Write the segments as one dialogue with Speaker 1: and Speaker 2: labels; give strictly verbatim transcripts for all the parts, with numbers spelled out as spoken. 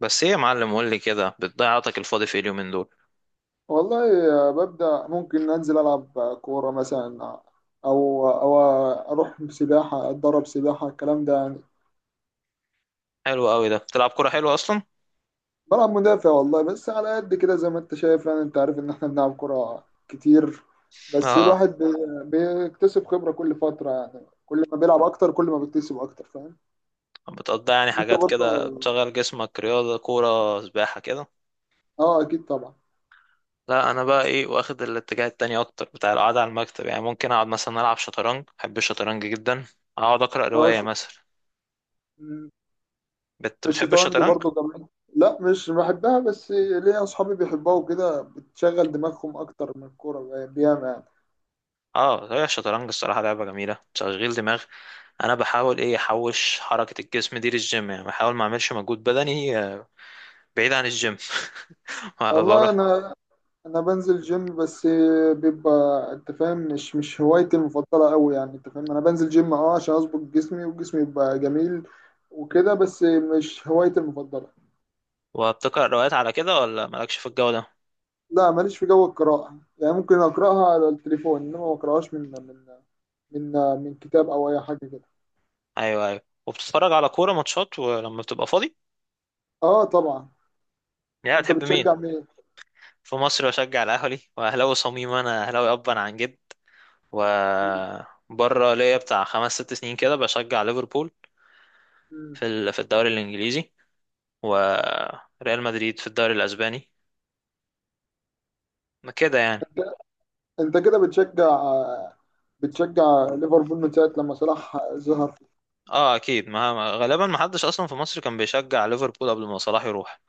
Speaker 1: بس ايه يا معلم، قول لي كده، بتضيع وقتك الفاضي في إيه اليومين دول؟
Speaker 2: والله، ببدأ ممكن أنزل ألعب كورة مثلا، أو أو أروح سباحة أتدرب سباحة، الكلام ده يعني.
Speaker 1: حلو قوي، ده بتلعب كوره حلوه اصلا.
Speaker 2: بلعب مدافع والله، بس على قد كده زي ما أنت شايف، يعني أنت عارف إن إحنا بنلعب كورة كتير. بس
Speaker 1: اه،
Speaker 2: الواحد بي- بيكتسب خبرة كل فترة، يعني كل ما بيلعب أكتر كل ما بيكتسب أكتر، فاهم؟
Speaker 1: بتقضي يعني
Speaker 2: أنت
Speaker 1: حاجات كده
Speaker 2: برضه؟
Speaker 1: بتشغل جسمك، رياضه، كوره، سباحه كده؟
Speaker 2: أه أكيد طبعا.
Speaker 1: لا، انا بقى ايه، واخد الاتجاه التاني اكتر، بتاع القعده على المكتب، يعني ممكن اقعد مثلا العب شطرنج، بحب الشطرنج جدا. اقعد اقرا
Speaker 2: أه
Speaker 1: روايه
Speaker 2: ش...
Speaker 1: مثلا. بت... بتحب
Speaker 2: الشطرنج
Speaker 1: الشطرنج؟
Speaker 2: برضه جميل. لا مش بحبها، بس ليا اصحابي بيحبوها وكده، بتشغل دماغهم اكتر من الكوره يعني، بياما يعني.
Speaker 1: اه، هي الشطرنج الصراحه لعبه جميله، تشغيل دماغ. انا بحاول ايه احوش حركه الجسم دي للجيم، يعني بحاول ما اعملش مجهود بدني آه، بعيد عن الجيم.
Speaker 2: والله
Speaker 1: بروح.
Speaker 2: انا انا بنزل جيم بس، بيبقى انت فاهم، مش مش هوايتي المفضله قوي، يعني انت فاهم، انا بنزل جيم اه عشان اظبط جسمي وجسمي يبقى جميل وكده، بس مش هوايتي المفضله.
Speaker 1: وبتقرأ روايات على كده ولا مالكش في الجو ده؟
Speaker 2: لا ماليش في جو القراءه، يعني ممكن اقراها على التليفون، انما ما اقراهاش من من من من كتاب او اي حاجه كده.
Speaker 1: ايوه ايوه، وبتتفرج على كورة ماتشات ولما بتبقى فاضي؟
Speaker 2: اه طبعا.
Speaker 1: يعني
Speaker 2: انت
Speaker 1: بتحب مين؟
Speaker 2: بتشجع مين؟
Speaker 1: في مصر بشجع الاهلي، واهلاوي صميم، انا اهلاوي ابا عن جد. و بره ليا بتاع خمس ست سنين كده بشجع ليفربول، في ال- في الدوري الانجليزي، وريال مدريد في الدوري الاسباني، ما كده يعني.
Speaker 2: انت كده بتشجع بتشجع ليفربول من ساعه لما صلاح ظهر؟
Speaker 1: اه اكيد، ما ما- غالبا ما حدش اصلا في مصر كان بيشجع ليفربول قبل ما صلاح يروح.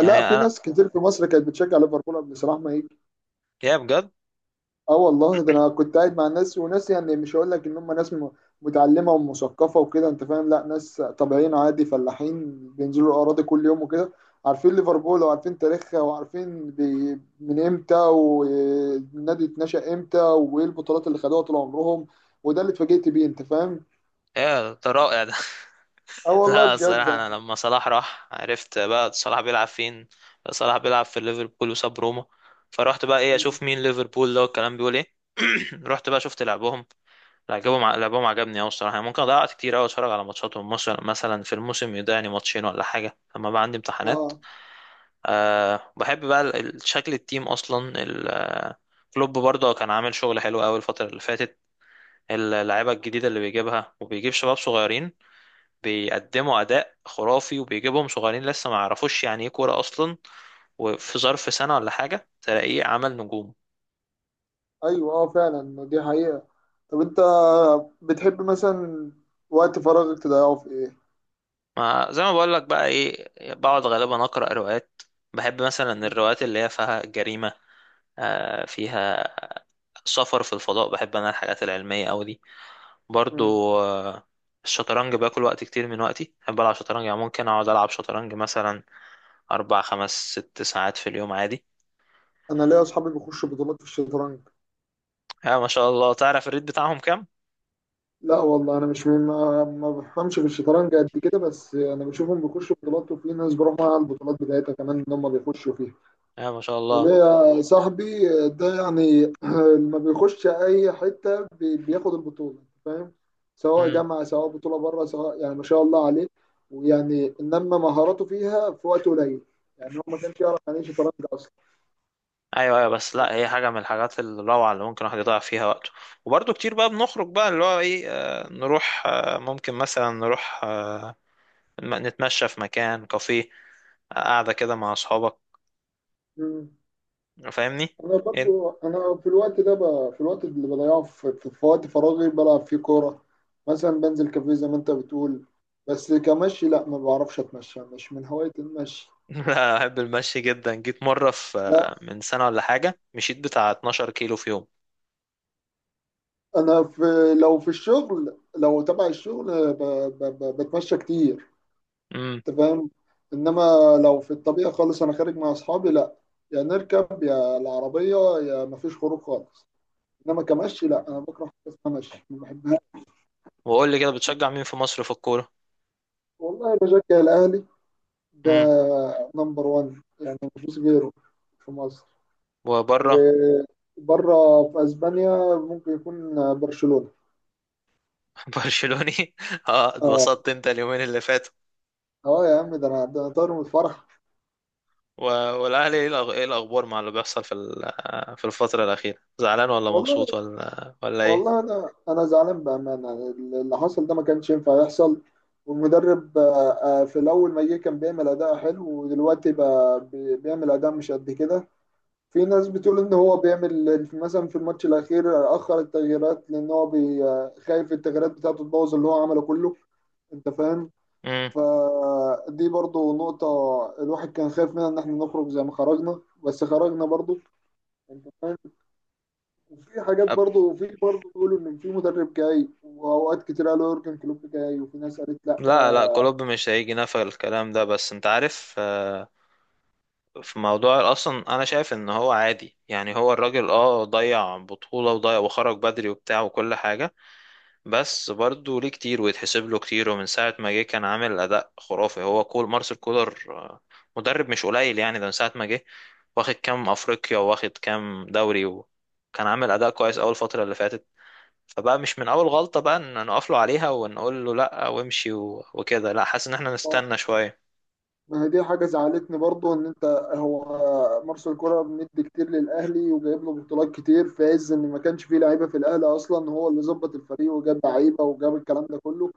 Speaker 1: يعني
Speaker 2: لا، في
Speaker 1: انا
Speaker 2: ناس كتير في مصر كانت بتشجع ليفربول قبل صلاح ما يجي.
Speaker 1: يا بجد؟
Speaker 2: اه والله، ده انا كنت قاعد مع ناس وناس، يعني مش هقول لك ان هم ناس م- متعلمه ومثقفه وكده انت فاهم، لا ناس طبيعيين عادي، فلاحين بينزلوا الاراضي كل يوم وكده، عارفين ليفربول وعارفين تاريخها وعارفين بي- من امتى والنادي اتنشأ امتى وايه البطولات اللي خدوها طول عمرهم، وده اللي اتفاجئت بيه انت فاهم.
Speaker 1: يا ده رائع ده.
Speaker 2: اه والله
Speaker 1: لا،
Speaker 2: بجد.
Speaker 1: الصراحة أنا لما صلاح راح عرفت بقى صلاح بيلعب فين. صلاح بيلعب في ليفربول وساب روما. فروحت بقى إيه
Speaker 2: يعني.
Speaker 1: أشوف مين ليفربول ده والكلام بيقول إيه. رحت بقى شفت لعبهم. لعبهم ع- لعبهم عجبني أوي الصراحة، يعني ممكن ضيعت كتير أوي أتفرج على ماتشاتهم مثلا، مثلا في الموسم يضيعني ماتشين ولا حاجة لما بقى عندي امتحانات.
Speaker 2: اه.
Speaker 1: أه بحب بقى ال- ال- شكل التيم أصلا ال- آه، كلوب برضه كان عامل شغل حلو أوي الفترة اللي فاتت. اللعيبة الجديدة اللي بيجيبها، وبيجيب شباب صغيرين بيقدموا اداء خرافي، وبيجيبهم صغيرين لسه ما يعرفوش يعني ايه كوره اصلا، وفي ظرف سنه ولا حاجه تلاقيه عمل نجوم.
Speaker 2: ايوه اه فعلا، دي حقيقة. طب انت بتحب مثلا وقت فراغك تضيعه في ايه؟
Speaker 1: ما زي ما بقول لك بقى ايه، بقعد غالبا اقرا روايات. بحب مثلا الروايات اللي هي فيها جريمه، آه، فيها سفر في الفضاء. بحب انا الحاجات العلميه أوي دي
Speaker 2: مم.
Speaker 1: برضو. آه، الشطرنج باكل وقت كتير من وقتي، بحب العب شطرنج، يعني ممكن اقعد العب شطرنج مثلا اربع خمس ست ساعات في اليوم عادي.
Speaker 2: انا ليا اصحابي بيخشوا بطولات في الشطرنج.
Speaker 1: يا ما شاء الله، تعرف الريت بتاعهم كام؟
Speaker 2: لا والله انا مش ما, ما بفهمش في الشطرنج قد كده، بس انا بشوفهم بيخشوا بطولات، وفي ناس بروح معاها البطولات بتاعتها كمان ان هم بيخشوا فيها.
Speaker 1: يا ما شاء الله.
Speaker 2: وليا صاحبي ده يعني ما بيخش اي حته بي- بياخد البطوله، أنت فاهم، سواء
Speaker 1: مم.
Speaker 2: جامعه سواء بطوله بره سواء، يعني ما شاء الله عليه. ويعني انما مهاراته فيها في وقت قليل، يعني هو ما كانش يعرف يعني ايه شطرنج اصلا.
Speaker 1: ايوه ايوه، بس لا، هي حاجه من الحاجات الروعه اللي ممكن الواحد يضيع فيها وقته. وبرضه كتير بقى بنخرج بقى اللي هو ايه، آه، نروح، آه، ممكن مثلا نروح، آه، م- نتمشى في مكان، كافيه، آه، قاعده كده مع اصحابك،
Speaker 2: مم.
Speaker 1: فاهمني؟
Speaker 2: انا
Speaker 1: إيه؟
Speaker 2: برضو، انا في الوقت ده ب... في الوقت اللي بضيعه في... في... في وقت فراغي بلعب فيه كوره. مثلا بنزل كافيه زي ما انت بتقول، بس كمشي لا، ما بعرفش اتمشى، مش من هوايه المشي.
Speaker 1: لا، احب المشي جدا. جيت مره في
Speaker 2: لا
Speaker 1: آه، من سنه ولا حاجه مشيت بتاع 12 كيلو في يوم.
Speaker 2: انا في لو في الشغل، لو تبع الشغل ب... ب... ب... بتمشى كتير،
Speaker 1: امم.
Speaker 2: انت فاهم. انما لو في الطبيعة خالص انا خارج مع اصحابي، لا، يا نركب يا العربية، يا مفيش خروج خالص. انما كمشي لا، انا بكره حاجة اسمها مشي، ما بحبهاش.
Speaker 1: وقول لي كده، بتشجع مين في مصر في الكوره؟
Speaker 2: والله بشجع الاهلي، ده
Speaker 1: امم.
Speaker 2: نمبر واحد يعني مفيش غيره في مصر.
Speaker 1: وبره؟
Speaker 2: وبره في اسبانيا ممكن يكون برشلونة.
Speaker 1: برشلوني. اه
Speaker 2: اه.
Speaker 1: اتبسطت انت اليومين اللي فاتوا.
Speaker 2: اه يا عم، ده انا ده انا طاير من الفرح.
Speaker 1: و- والأهلي إيه، الأخ- إيه الأخبار مع اللي بيحصل في ال- في الفترة الأخيرة، زعلان ولا
Speaker 2: والله
Speaker 1: مبسوط ولا ولا إيه؟
Speaker 2: والله انا انا زعلان بامانه. اللي حصل ده ما كانش ينفع يحصل. والمدرب، آه، آه، في الاول ما جه كان بيعمل اداء حلو، ودلوقتي بقى بي- بيعمل اداء مش قد كده. في ناس بتقول ان هو بيعمل مثلا في الماتش الاخير اخر التغييرات لان هو بي- آه، خايف التغييرات بتاعته تبوظ اللي هو عمله كله، انت فاهم.
Speaker 1: مم.
Speaker 2: فدي برضو نقطة الواحد كان خايف منها، ان احنا نخرج زي ما خرجنا، بس خرجنا برضو، انت فاهم. وفي حاجات
Speaker 1: أب-
Speaker 2: برضه، وفي برضه بيقولوا ان في مدرب جاي، واوقات كتير قالوا يورجن كلوب جاي، وفي ناس قالت لا.
Speaker 1: لا لا، كلوب مش هيجي، نفى الكلام ده، بس أنت عارف، آه، في موضوع أصلا أنا شايف إن هو عادي، يعني هو الراجل أه ضيع بطولة وضيع وخرج بدري وبتاع وكل حاجة، بس برضه ليه كتير ويتحسب له كتير، ومن ساعة ما جه كان عامل أداء خرافي. هو كول مارسيل كولر، آه، مدرب مش قليل يعني، ده من ساعة ما جه واخد كام أفريقيا، واخد كام دوري، وكان عامل أداء كويس أول فترة اللي فاتت. فبقى مش من أول غلطة بقى إن نقف له عليها ونقول له لأ وامشي و- وكده. لأ، حاسس إن احنا نستنى شوية.
Speaker 2: ما هي دي حاجه زعلتني برضه، ان انت، هو مارسيل كولر مدي كتير للاهلي، وجايب له بطولات كتير في عز ان ما كانش فيه لعيبه في الاهلي اصلا، هو اللي ظبط الفريق وجاب لعيبه وجاب الكلام ده كله.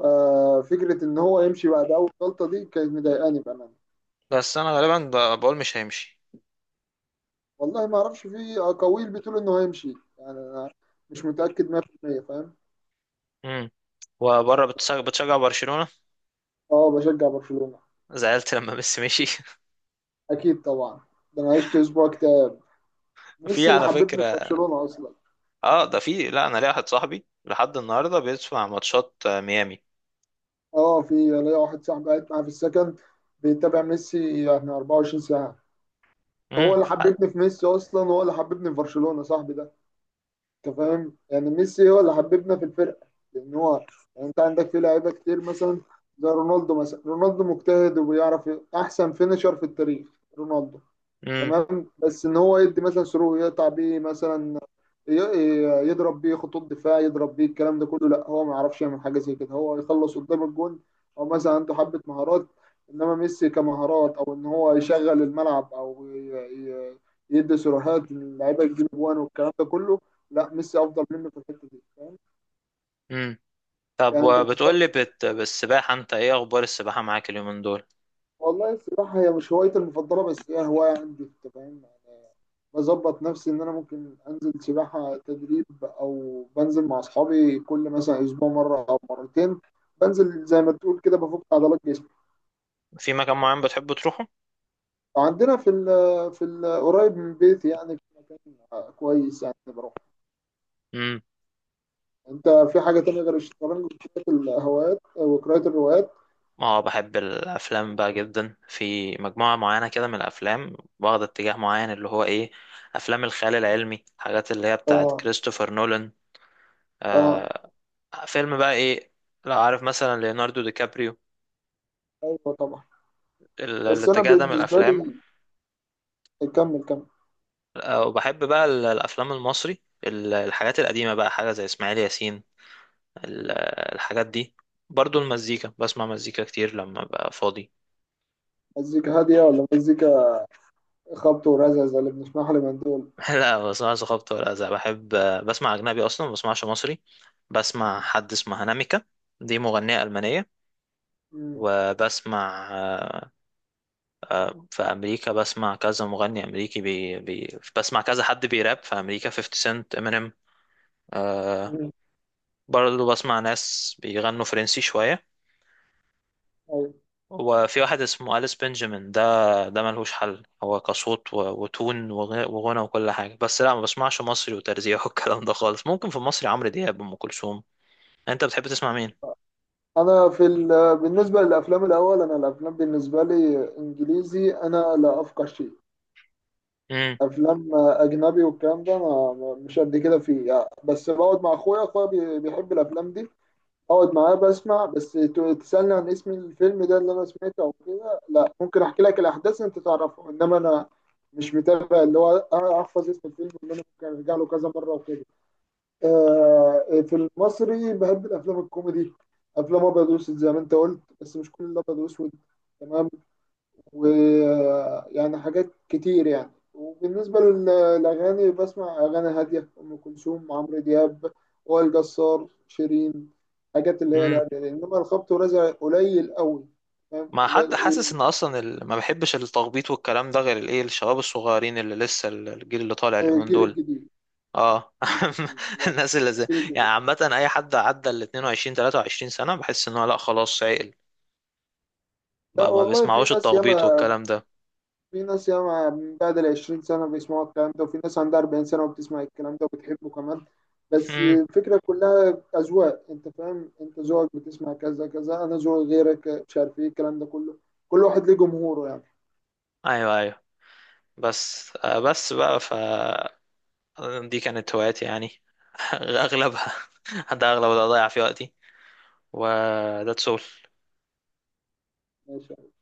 Speaker 2: آه، فكره ان هو يمشي بعد اول غلطه دي كانت مضايقاني بامانه.
Speaker 1: بس أنا غالبا ب- بقول مش هيمشي.
Speaker 2: والله ما اعرفش، في اقاويل بتقول انه هيمشي، يعني انا مش متاكد مية في المية فاهم.
Speaker 1: امم. وبره بتشجع بتشجع برشلونة؟
Speaker 2: اه بشجع برشلونه.
Speaker 1: زعلت لما ميسي مشي؟
Speaker 2: اكيد طبعا، ده انا عشت اسبوع كتير،
Speaker 1: في
Speaker 2: ميسي اللي
Speaker 1: على
Speaker 2: حببني في
Speaker 1: فكرة
Speaker 2: برشلونه اصلا.
Speaker 1: اه ده في، لا، انا ليا واحد صاحبي لحد النهارده بيسمع ماتشات، آه، ميامي.
Speaker 2: اه في ليا واحد صاحبي قاعد معاه في السكن، بيتابع ميسي يعني أربعة وعشرين ساعه. هو
Speaker 1: امم.
Speaker 2: اللي حببني في ميسي اصلا، هو اللي حببني في برشلونه صاحبي ده، انت فاهم، يعني ميسي هو اللي حببنا في الفرقه. لان هو، يعني انت عندك في لعيبه كتير مثلا، زي رونالدو مثلا، رونالدو مجتهد وبيعرف ي- احسن فينيشر في التاريخ رونالدو،
Speaker 1: امم.
Speaker 2: تمام، بس ان هو يدي مثلا صاروخ يقطع بيه مثلا، ي- ي- يضرب بيه خطوط دفاع، يضرب بيه الكلام ده كله، لا هو ما يعرفش يعمل حاجه زي كده، هو يخلص قدام الجون، او مثلا عنده حبه مهارات. انما ميسي، كمهارات او ان هو يشغل الملعب او ي- ي- يدي صراحات للعيبه تجيب جوان والكلام ده كله، لا ميسي افضل منه في الحته دي، فاهم؟
Speaker 1: امم. طب
Speaker 2: يعني انت
Speaker 1: وبتقول
Speaker 2: بتتفرج.
Speaker 1: لي بت... بالسباحه، انت ايه اخبار السباحه معاك اليومين دول؟
Speaker 2: والله السباحه هي مش هوايتي المفضله، بس هي هوايه عندي انت فاهم، بظبط نفسي ان انا ممكن انزل سباحة تدريب او بنزل مع اصحابي كل مثلا اسبوع مرة او مرتين، بنزل زي ما تقول كده بفك عضلات جسمي.
Speaker 1: في مكان معين بتحب تروحه؟
Speaker 2: عندنا في ال في ال قريب من بيتي، يعني في مكان كويس يعني، بروح.
Speaker 1: امم.
Speaker 2: انت في حاجة تانية غير الشطرنج وقراءة الهوايات وقراءة الروايات؟
Speaker 1: اه بحب الافلام بقى جدا، في مجموعه معينه كده من الافلام واخد اتجاه معين، اللي هو ايه، افلام الخيال العلمي، حاجات اللي هي بتاعت
Speaker 2: اه.
Speaker 1: كريستوفر نولان.
Speaker 2: اه.
Speaker 1: آه. فيلم بقى ايه، لو عارف مثلا ليوناردو دي كابريو،
Speaker 2: ايوه طبعا.
Speaker 1: ال-
Speaker 2: بس انا
Speaker 1: الاتجاه ده من
Speaker 2: بالنسبة
Speaker 1: الافلام.
Speaker 2: لي، كمل كمل.
Speaker 1: آه، وبحب بقى ال- الافلام المصري، ال- الحاجات القديمه بقى، حاجه زي اسماعيل ياسين، ال- الحاجات دي. برضو المزيكا بسمع مزيكا كتير لما ببقى فاضي.
Speaker 2: مزيكا هادية ولا مزيكا خبط ورزع زي اللي بنسمعها لمن دول؟
Speaker 1: لا ما بسمعش خبط ولا أذى، بحب آه، بسمع اجنبي اصلا، ما بسمعش مصري. بسمع حد اسمه هناميكا، دي مغنيه المانيه.
Speaker 2: مم.
Speaker 1: وبسمع، آه، آه، في امريكا بسمع كذا مغني امريكي، بي بي بسمع كذا حد بيراب في امريكا، 50 سنت، امينيم. آه،
Speaker 2: مم.
Speaker 1: برضو بسمع ناس بيغنوا فرنسي شويه.
Speaker 2: أيوة.
Speaker 1: وفي واحد اسمه أليس بنجامين، ده ده ملهوش حل، هو كصوت و- وتون، وغ- وغنى وكل حاجة. بس لا ما بسمعش مصري وترزيع والكلام ده خالص، ممكن في مصري عمرو دياب، أم كلثوم. أنت بتحب تسمع مين؟
Speaker 2: انا في ال... بالنسبه للافلام الاول، انا الافلام بالنسبه لي انجليزي انا لا افقه شيء،
Speaker 1: امم.
Speaker 2: افلام اجنبي والكلام ده، انا مش قد كده فيه يعني، بس بقعد مع اخويا اخويا بي- بيحب الافلام دي، اقعد معاه بسمع، بس ت- تسالني عن اسم الفيلم ده اللي انا سمعته او كده لا، ممكن احكي لك الاحداث انت تعرفها، انما انا مش متابع اللي هو احفظ اسم الفيلم اللي انا ممكن ارجع له كذا مره وكده. آه، في المصري بحب الافلام الكوميدي، افلام ابيض واسود زي ما انت قلت، بس مش كل الابيض واسود، تمام، ويعني حاجات كتير يعني. وبالنسبه لل- للاغاني بسمع اغاني هاديه، ام كلثوم، عمرو دياب، وائل جسار، شيرين، حاجات اللي هي
Speaker 1: امم.
Speaker 2: الهاديه دي. انما الخبط والرزع قليل قوي، فاهم
Speaker 1: ما
Speaker 2: قليل
Speaker 1: حد حاسس
Speaker 2: إيه.
Speaker 1: إن أصلا ال... ما بحبش التخبيط والكلام ده غير الإيه الشباب الصغيرين اللي لسه ال- الجيل اللي طالع اليومين
Speaker 2: الجيل
Speaker 1: دول.
Speaker 2: الجديد.
Speaker 1: اه.
Speaker 2: الجيل الجديد لا.
Speaker 1: الناس اللي زي،
Speaker 2: الجيل
Speaker 1: يعني
Speaker 2: الجديد.
Speaker 1: عامة أي حد عدى ال اتنين وعشرين ثلاثة وعشرين سنة بحس إن هو لا خلاص عقل. ما
Speaker 2: لا،
Speaker 1: ما
Speaker 2: والله في
Speaker 1: بيسمعوش
Speaker 2: ناس
Speaker 1: التخبيط
Speaker 2: ياما
Speaker 1: والكلام ده.
Speaker 2: في ناس ياما من بعد ال عشرين سنة بيسمعوا الكلام ده، وفي ناس عندها أربعين سنة وبتسمع الكلام ده وبتحبه كمان. بس
Speaker 1: امم.
Speaker 2: الفكرة كلها أذواق، أنت فاهم، أنت ذوقك بتسمع كذا كذا، أنا ذوقي غيرك، مش عارف إيه الكلام ده كله، كل واحد ليه جمهوره يعني.
Speaker 1: ايوه ايوه، بس آه، بس بقى ف دي كانت هواياتي يعني، اغلبها. ده اغلب اللي اضيع فيه وقتي. وده تسول.
Speaker 2: ماشي.